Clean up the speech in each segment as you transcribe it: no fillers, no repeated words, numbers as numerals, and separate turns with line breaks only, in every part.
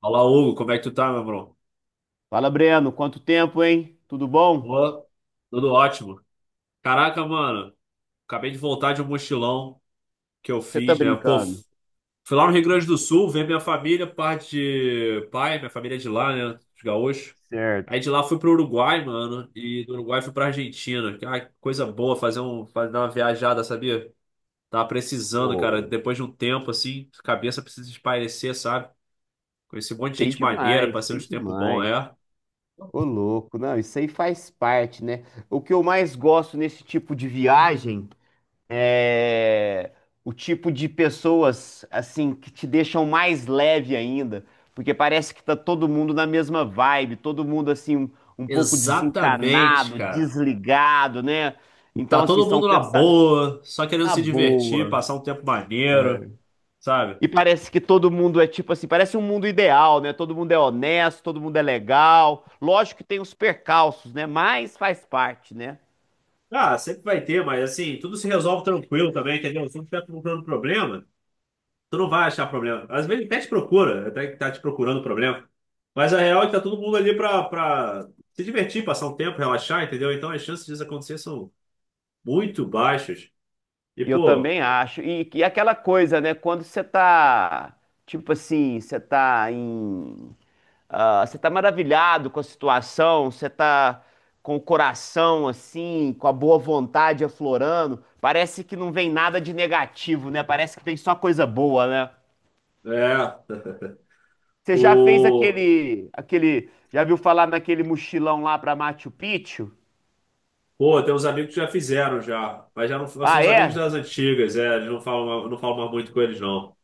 Olá, Hugo, como é que tu tá, meu bro?
Fala, Breno, quanto tempo, hein? Tudo bom?
Pô, tudo ótimo. Caraca, mano, acabei de voltar de um mochilão que eu
Você tá
fiz, né? Pô,
brincando?
fui lá no Rio Grande do Sul ver minha família, parte de pai, minha família é de lá, né? Os gaúchos. Aí
Certo.
de lá fui pro Uruguai, mano, e do Uruguai fui pra Argentina. Ah, que coisa boa fazer uma viajada, sabia? Tava precisando,
Pô,
cara, depois de um tempo assim, cabeça precisa espairecer, sabe? Conheci um monte de
sei
gente maneira,
demais,
passei
sei
uns tempo bom,
demais.
é.
Ô, louco, não, isso aí faz parte, né? O que eu mais gosto nesse tipo de viagem é o tipo de pessoas, assim, que te deixam mais leve ainda, porque parece que tá todo mundo na mesma vibe, todo mundo, assim, um pouco
Exatamente,
desencanado,
cara.
desligado, né? Então,
Tá
assim,
todo
são
mundo na
pensar
boa, só querendo
na
se divertir,
boa.
passar um tempo maneiro, sabe?
E parece que todo mundo é tipo assim, parece um mundo ideal, né? Todo mundo é honesto, todo mundo é legal. Lógico que tem os percalços, né? Mas faz parte, né?
Ah, sempre vai ter, mas assim, tudo se resolve tranquilo também, entendeu? Se não estiver procurando problema, tu não vai achar problema. Às vezes até te procura, até que tá te procurando problema. Mas a real é que tá todo mundo ali pra se divertir, passar um tempo, relaxar, entendeu? Então as chances disso acontecer são muito baixas. E,
Eu
pô,
também acho. E aquela coisa, né? Quando você tá, tipo assim, você tá em. Ah, você tá maravilhado com a situação, você tá com o coração, assim, com a boa vontade aflorando. Parece que não vem nada de negativo, né? Parece que tem só coisa boa, né?
é.
Você já fez
O...
já viu falar naquele mochilão lá pra Machu Picchu?
Pô, tem uns amigos que já fizeram já, mas já não são
Ah,
os amigos
é?
das antigas, é, eles não falam mais muito com eles, não.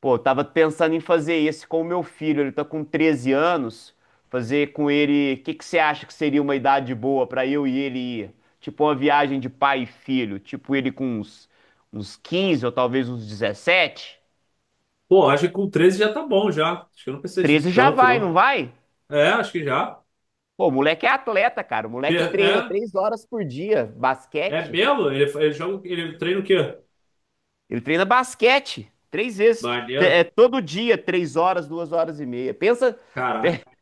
Pô, eu tava pensando em fazer esse com o meu filho, ele tá com 13 anos, fazer com ele, o que que você acha que seria uma idade boa pra eu e ele ir? Tipo uma viagem de pai e filho, tipo ele com uns 15 ou talvez uns 17?
Pô, acho que com 13 já tá bom já. Acho que eu não precisa de
13 já
tanto,
vai, não
não.
vai?
É, acho que já.
Pô, o moleque é atleta, cara, o
Pe-
moleque treina
É,
3 horas por dia,
é
basquete.
mesmo? Ele joga, ele treina o quê?
Ele treina basquete 3 vezes.
Maneiro.
É todo dia, 3 horas, 2 horas e meia. Pensa.
Caraca.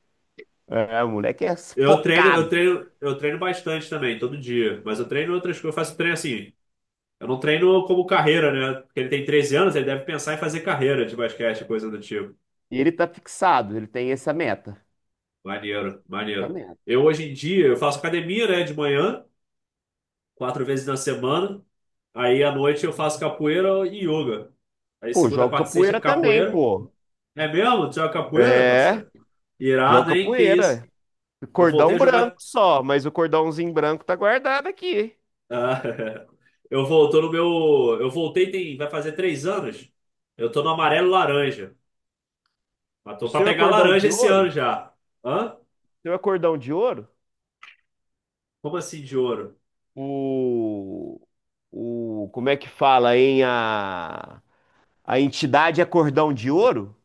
É, o moleque é
Eu treino, eu
focado.
treino, eu treino bastante também, todo dia. Mas eu treino outras coisas, eu faço treino assim. Eu não treino como carreira, né? Porque ele tem 13 anos, ele deve pensar em fazer carreira de basquete, coisa do tipo.
E ele tá fixado, ele tem essa meta.
Maneiro,
Essa
maneiro.
meta.
Eu hoje em dia, eu faço academia, né, de manhã, 4 vezes na semana. Aí à noite eu faço capoeira e yoga. Aí
Pô,
segunda,
joga
quarta e sexta
capoeira também,
capoeira.
pô.
É mesmo? Tu joga capoeira,
É,
parceiro? Irado,
joga
hein? Que isso?
capoeira.
Eu voltei
Cordão
a
branco
jogar.
só, mas o cordãozinho branco tá guardado aqui.
Ah, eu voltou no meu. Eu voltei tem. Vai fazer 3 anos. Eu tô no amarelo laranja. Mas
O
tô pra
seu é
pegar
cordão
laranja
de
esse
ouro?
ano
O
já. Hã?
seu é cordão de ouro?
Como assim de ouro?
O, como é que fala, hein? A entidade é cordão de ouro?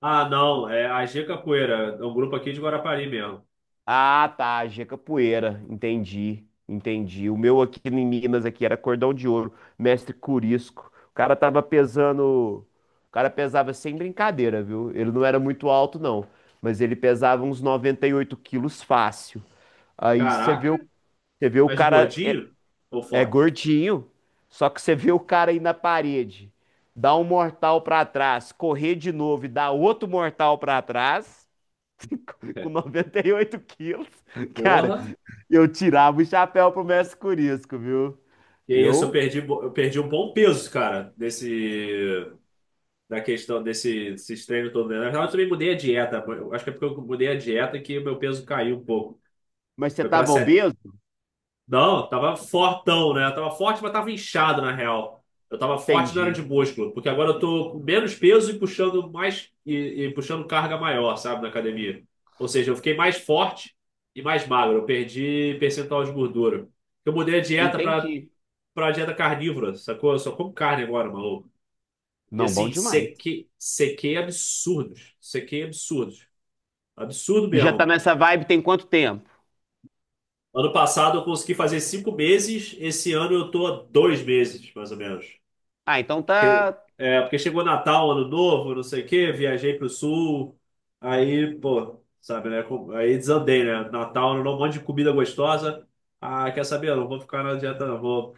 Ah, não. É a G Capoeira. É um grupo aqui de Guarapari mesmo.
Ah, tá, G-Capoeira, entendi, entendi. O meu aqui em Minas aqui era cordão de ouro, mestre Curisco. O cara tava pesando, o cara pesava sem brincadeira, viu? Ele não era muito alto não, mas ele pesava uns 98 quilos fácil. Aí você vê,
Caraca.
você vê o
Mas de
cara é,
gordinho ou
é
forte?
gordinho, só que você vê o cara aí na parede, dá um mortal pra trás, correr de novo e dar outro mortal pra trás
É.
com 98 quilos. Cara,
Porra.
eu tirava o chapéu pro mestre Curisco, viu?
E é isso, eu
Eu.
perdi, bo- eu perdi um bom peso, cara, desse, da questão desse, desses treinos todo. Na verdade, eu também mudei a dieta. Eu acho que é porque eu mudei a dieta que o meu peso caiu um pouco.
Mas você
Foi para
tava obeso?
Não, tava fortão, né? Tava forte, mas tava inchado, na real. Eu tava forte não era de
Entendi.
músculo, porque agora eu tô com menos peso e puxando mais e puxando carga maior, sabe, na academia. Ou seja, eu fiquei mais forte e mais magro. Eu perdi percentual de gordura. Eu mudei a dieta pra,
Entendi.
pra dieta carnívora, sacou? Eu só como carne agora, maluco. E
Não, bom
assim,
demais.
sequei absurdos. Sequei absurdos. Absurdo
E já tá
mesmo.
nessa vibe tem quanto tempo?
Ano passado eu consegui fazer 5 meses, esse ano eu tô a 2 meses, mais ou menos.
Ah, então
Que-
tá.
É, porque chegou Natal, Ano Novo, não sei o quê, viajei pro sul, aí, pô, sabe, né? Aí desandei, né? Natal, Ano Novo, um monte de comida gostosa. Ah, quer saber? Eu não vou ficar na dieta, não, vou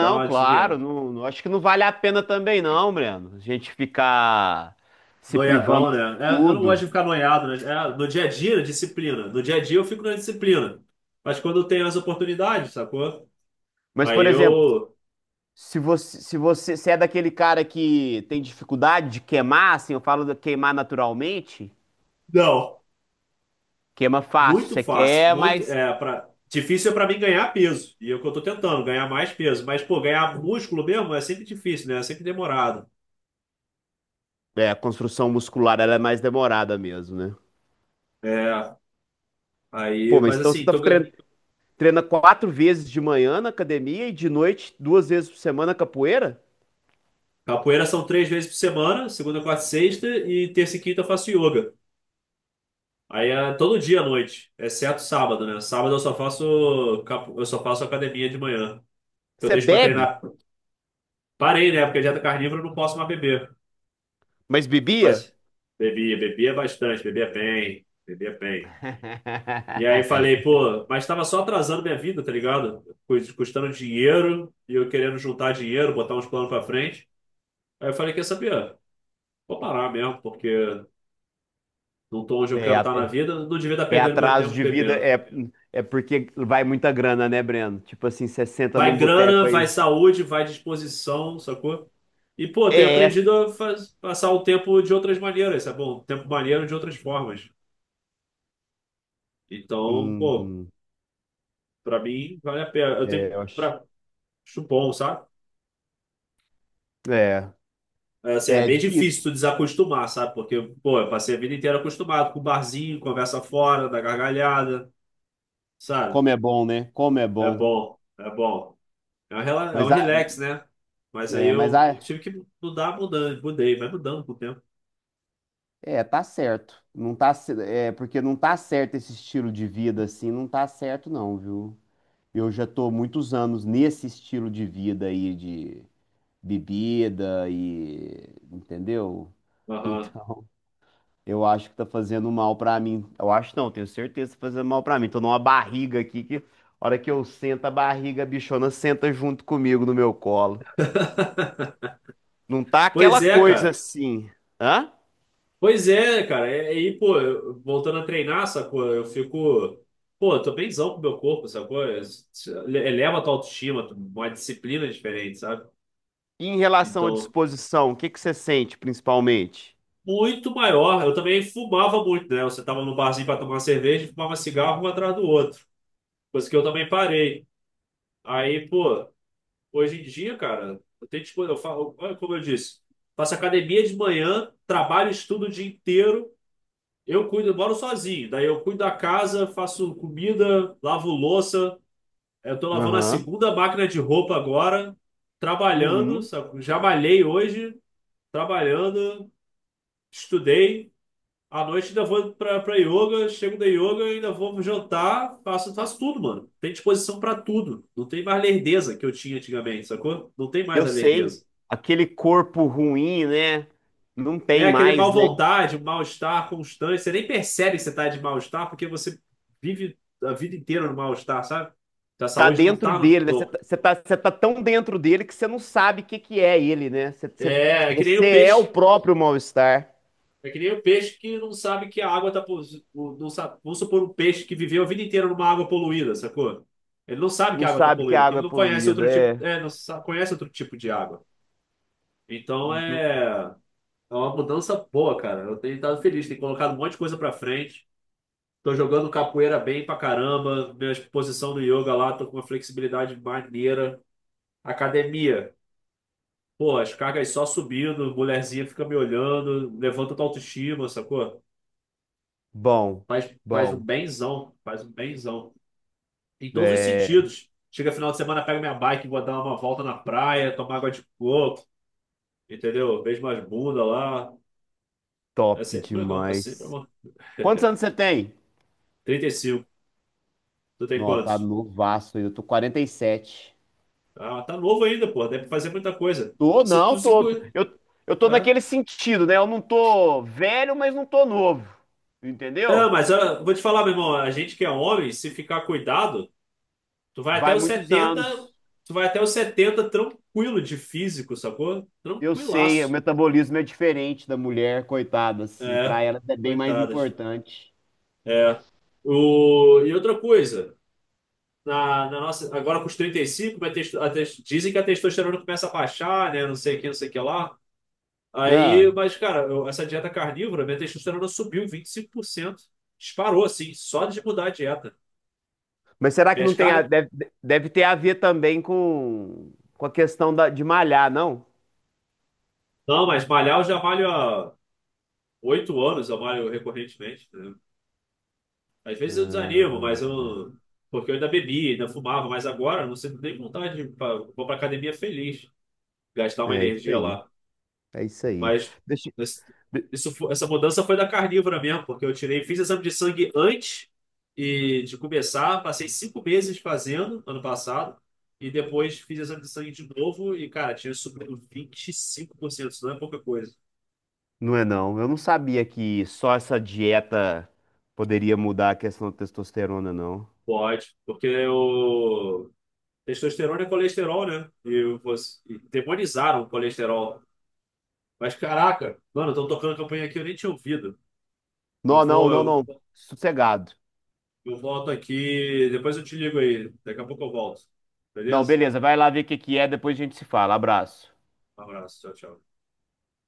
dar uma
claro,
desviada.
acho que não vale a pena também, não, Breno. A gente ficar se privando
Noiadão, né?
de
É, eu não gosto de
tudo.
ficar noiado, né? É, no dia a dia, disciplina. No dia a dia eu fico na disciplina. Mas quando eu tenho as oportunidades, sacou?
Mas,
Aí
por exemplo,
eu.
se é daquele cara que tem dificuldade de queimar, assim, eu falo de queimar naturalmente,
Não.
queima fácil,
Muito
você
fácil,
quer,
muito
mas
é para difícil é para mim ganhar peso. E é o que eu tô tentando, ganhar mais peso, mas pô, ganhar músculo mesmo é sempre difícil, né? É sempre demorado.
é, a construção muscular ela é mais demorada mesmo, né?
É, aí,
Pô, mas
mas
então
assim, tô gan-
treina 4 vezes de manhã na academia e de noite 2 vezes por semana capoeira?
capoeira são 3 vezes por semana, segunda, quarta e sexta e terça e quinta eu faço yoga. Aí é todo dia à noite, exceto sábado, né? Sábado eu só faço academia de manhã. Que eu
Você
deixo para
bebe,
treinar. Parei, né? Porque dieta carnívora eu não posso mais beber.
mas bebia?
Mas bebia, bebia bastante, bebia bem, bebia bem. E aí falei, pô, mas tava só atrasando minha vida, tá ligado? Custando dinheiro e eu querendo juntar dinheiro, botar uns planos pra frente. Aí eu falei, quer saber? Vou parar mesmo, porque não tô onde eu
É,
quero
a-
estar na vida, não devia estar
é
perdendo meu
atraso
tempo
de vida,
bebendo.
é, é porque vai muita grana, né, Breno? Tipo assim, você senta
Vai
num
grana,
boteco
vai
aí.
saúde, vai disposição, sacou? E, pô, tenho
É,
aprendido a passar o tempo de outras maneiras, sabe? Bom, tempo maneiro de outras formas. Então, pô,
hum,
pra mim, vale a pena.
é, eu acho.
Acho bom, sabe?
É,
É, assim, é
é
bem difícil
difícil.
tu desacostumar, sabe? Porque, pô, eu passei a vida inteira acostumado com barzinho, conversa fora, da gargalhada, sabe?
Como é bom, né? Como é
É
bom.
bom, é bom. É um
Mas a,
relax, né? Mas aí
é,
eu tive que mudar, mudando, mudei, vai mudando com o tempo.
é, tá certo. Não tá, ce- é, porque não tá certo esse estilo de vida assim, não tá certo não, viu? Eu já tô muitos anos nesse estilo de vida aí de bebida e, entendeu?
Aham.
Então, eu acho que tá fazendo mal pra mim. Eu acho não, tenho certeza que tá fazendo mal pra mim. Tô numa barriga aqui que, a hora que eu sento, a barriga, a bichona senta junto comigo no meu colo. Não tá
Pois
aquela
é,
coisa
cara.
assim, hã?
Pois é, cara. E aí, pô, voltando a treinar, sacou? Eu fico. Pô, eu tô bemzão com o meu corpo, sacou? Eleva a tua autoestima, uma disciplina diferente, sabe?
E em relação à
Então,
disposição, o que que você sente principalmente?
muito maior. Eu também fumava muito, né? Você tava no barzinho para tomar cerveja e fumava cigarro um atrás do outro. Coisa que eu também parei. Aí, pô, hoje em dia, cara, eu falo, olha como eu disse, faço academia de manhã, trabalho, estudo o dia inteiro. Eu moro sozinho. Daí eu cuido da casa, faço comida, lavo louça. Eu tô lavando a
Aham.
segunda máquina de roupa agora, trabalhando,
Uhum.
sabe? Já malhei hoje, trabalhando, estudei. À noite ainda vou pra yoga, chego da yoga, ainda vou jantar, faço tudo, mano. Tem disposição pra tudo. Não tem mais lerdeza que eu tinha antigamente, sacou? Não tem mais
Eu
a
sei,
lerdeza.
aquele corpo ruim, né? Não
É
tem
aquele mal
mais, né?
vontade, mal-estar constante. Você nem percebe que você tá de mal-estar porque você vive a vida inteira no mal-estar, sabe? A
Tá
saúde não
dentro
tá no
dele, né?
topo.
Você tá tão dentro dele que você não sabe o que que é ele, né?
É, é que nem
Você
o
é o
peixe.
próprio mal-estar.
É que nem o peixe que não sabe que a água tá. Não sabe, vamos supor um peixe que viveu a vida inteira numa água poluída, sacou? Ele não sabe que
Não
a água tá
sabe que a
poluída, porque
água
ele
é
não conhece outro
poluída.
tipo,
É.
é, não sa- conhece outro tipo de água. Então
No-
é uma mudança boa, cara. Eu tenho estado feliz, tenho colocado um monte de coisa pra frente. Tô jogando capoeira bem pra caramba. Minha posição no yoga lá, tô com uma flexibilidade maneira. Academia. Pô, as cargas só subindo, mulherzinha fica me olhando, levanta tua autoestima, sacou?
Bom,
Faz um
bom.
benzão, faz um benzão. Em todos os
É
sentidos. Chega final de semana, pego minha bike, vou dar uma volta na praia, tomar água de coco, entendeu? Vejo umas bundas lá. É
top
sempre legal, é sempre
demais.
bom.
Quantos anos você tem?
35. Tu tem
Não, tá
quantos?
novaço aí. Eu tô 47.
Ah, tá novo ainda, pô, deve fazer muita coisa.
Tô,
Se
não,
tu se
tô. Tô-
cuida.
Eu tô
É,
naquele sentido, né? Eu não tô velho, mas não tô novo.
é,
Entendeu?
mas ah, vou te falar, meu irmão, a gente que é homem, se ficar cuidado, tu vai até
Vai
os
muitos
70
anos.
tu vai até os 70 tranquilo de físico, sacou?
Eu sei, o
Tranquilaço.
metabolismo é diferente da mulher, coitada, assim, para
É,
ela é bem mais
coitadas.
importante.
É. E outra coisa, na nossa, agora com os 35 vai ter- a tes- dizem que a testosterona começa a baixar, né? Não sei o que, não sei o que lá.
Não.
Aí, mas, cara, essa dieta carnívora, minha testosterona subiu 25%. Disparou, assim, só de mudar a dieta.
Mas será que
Minhas
não tem a,
cargas.
deve, deve ter a ver também com a questão da, de malhar, não?
Não, mas malhar eu já malho há 8 anos, eu malho recorrentemente, né? Às vezes eu desanimo, mas
Ah,
eu. Porque eu ainda bebi, ainda fumava, mas agora eu não sinto nem vontade Vou pra academia feliz, gastar uma
é isso
energia
aí.
lá.
É isso aí.
Mas
Deixa,
nesse- essa mudança foi da carnívora mesmo, porque eu tirei, fiz exame de sangue antes e de começar, passei 5 meses fazendo ano passado, e depois fiz exame de sangue de novo, e, cara, tinha subido 25%, isso não é pouca coisa.
não é não. Eu não sabia que só essa dieta poderia mudar a questão da testosterona, não.
Pode, porque o testosterona é colesterol, né? E demonizaram o colesterol. Mas caraca, mano, estão tocando campanha aqui, eu nem tinha ouvido. Eu
Não, não,
vou,
não,
eu
não. Sossegado.
Eu volto aqui, depois eu te ligo aí. Daqui a pouco eu volto.
Não,
Beleza?
beleza. Vai lá ver o que que é, depois a gente se fala. Abraço.
Um abraço, tchau, tchau.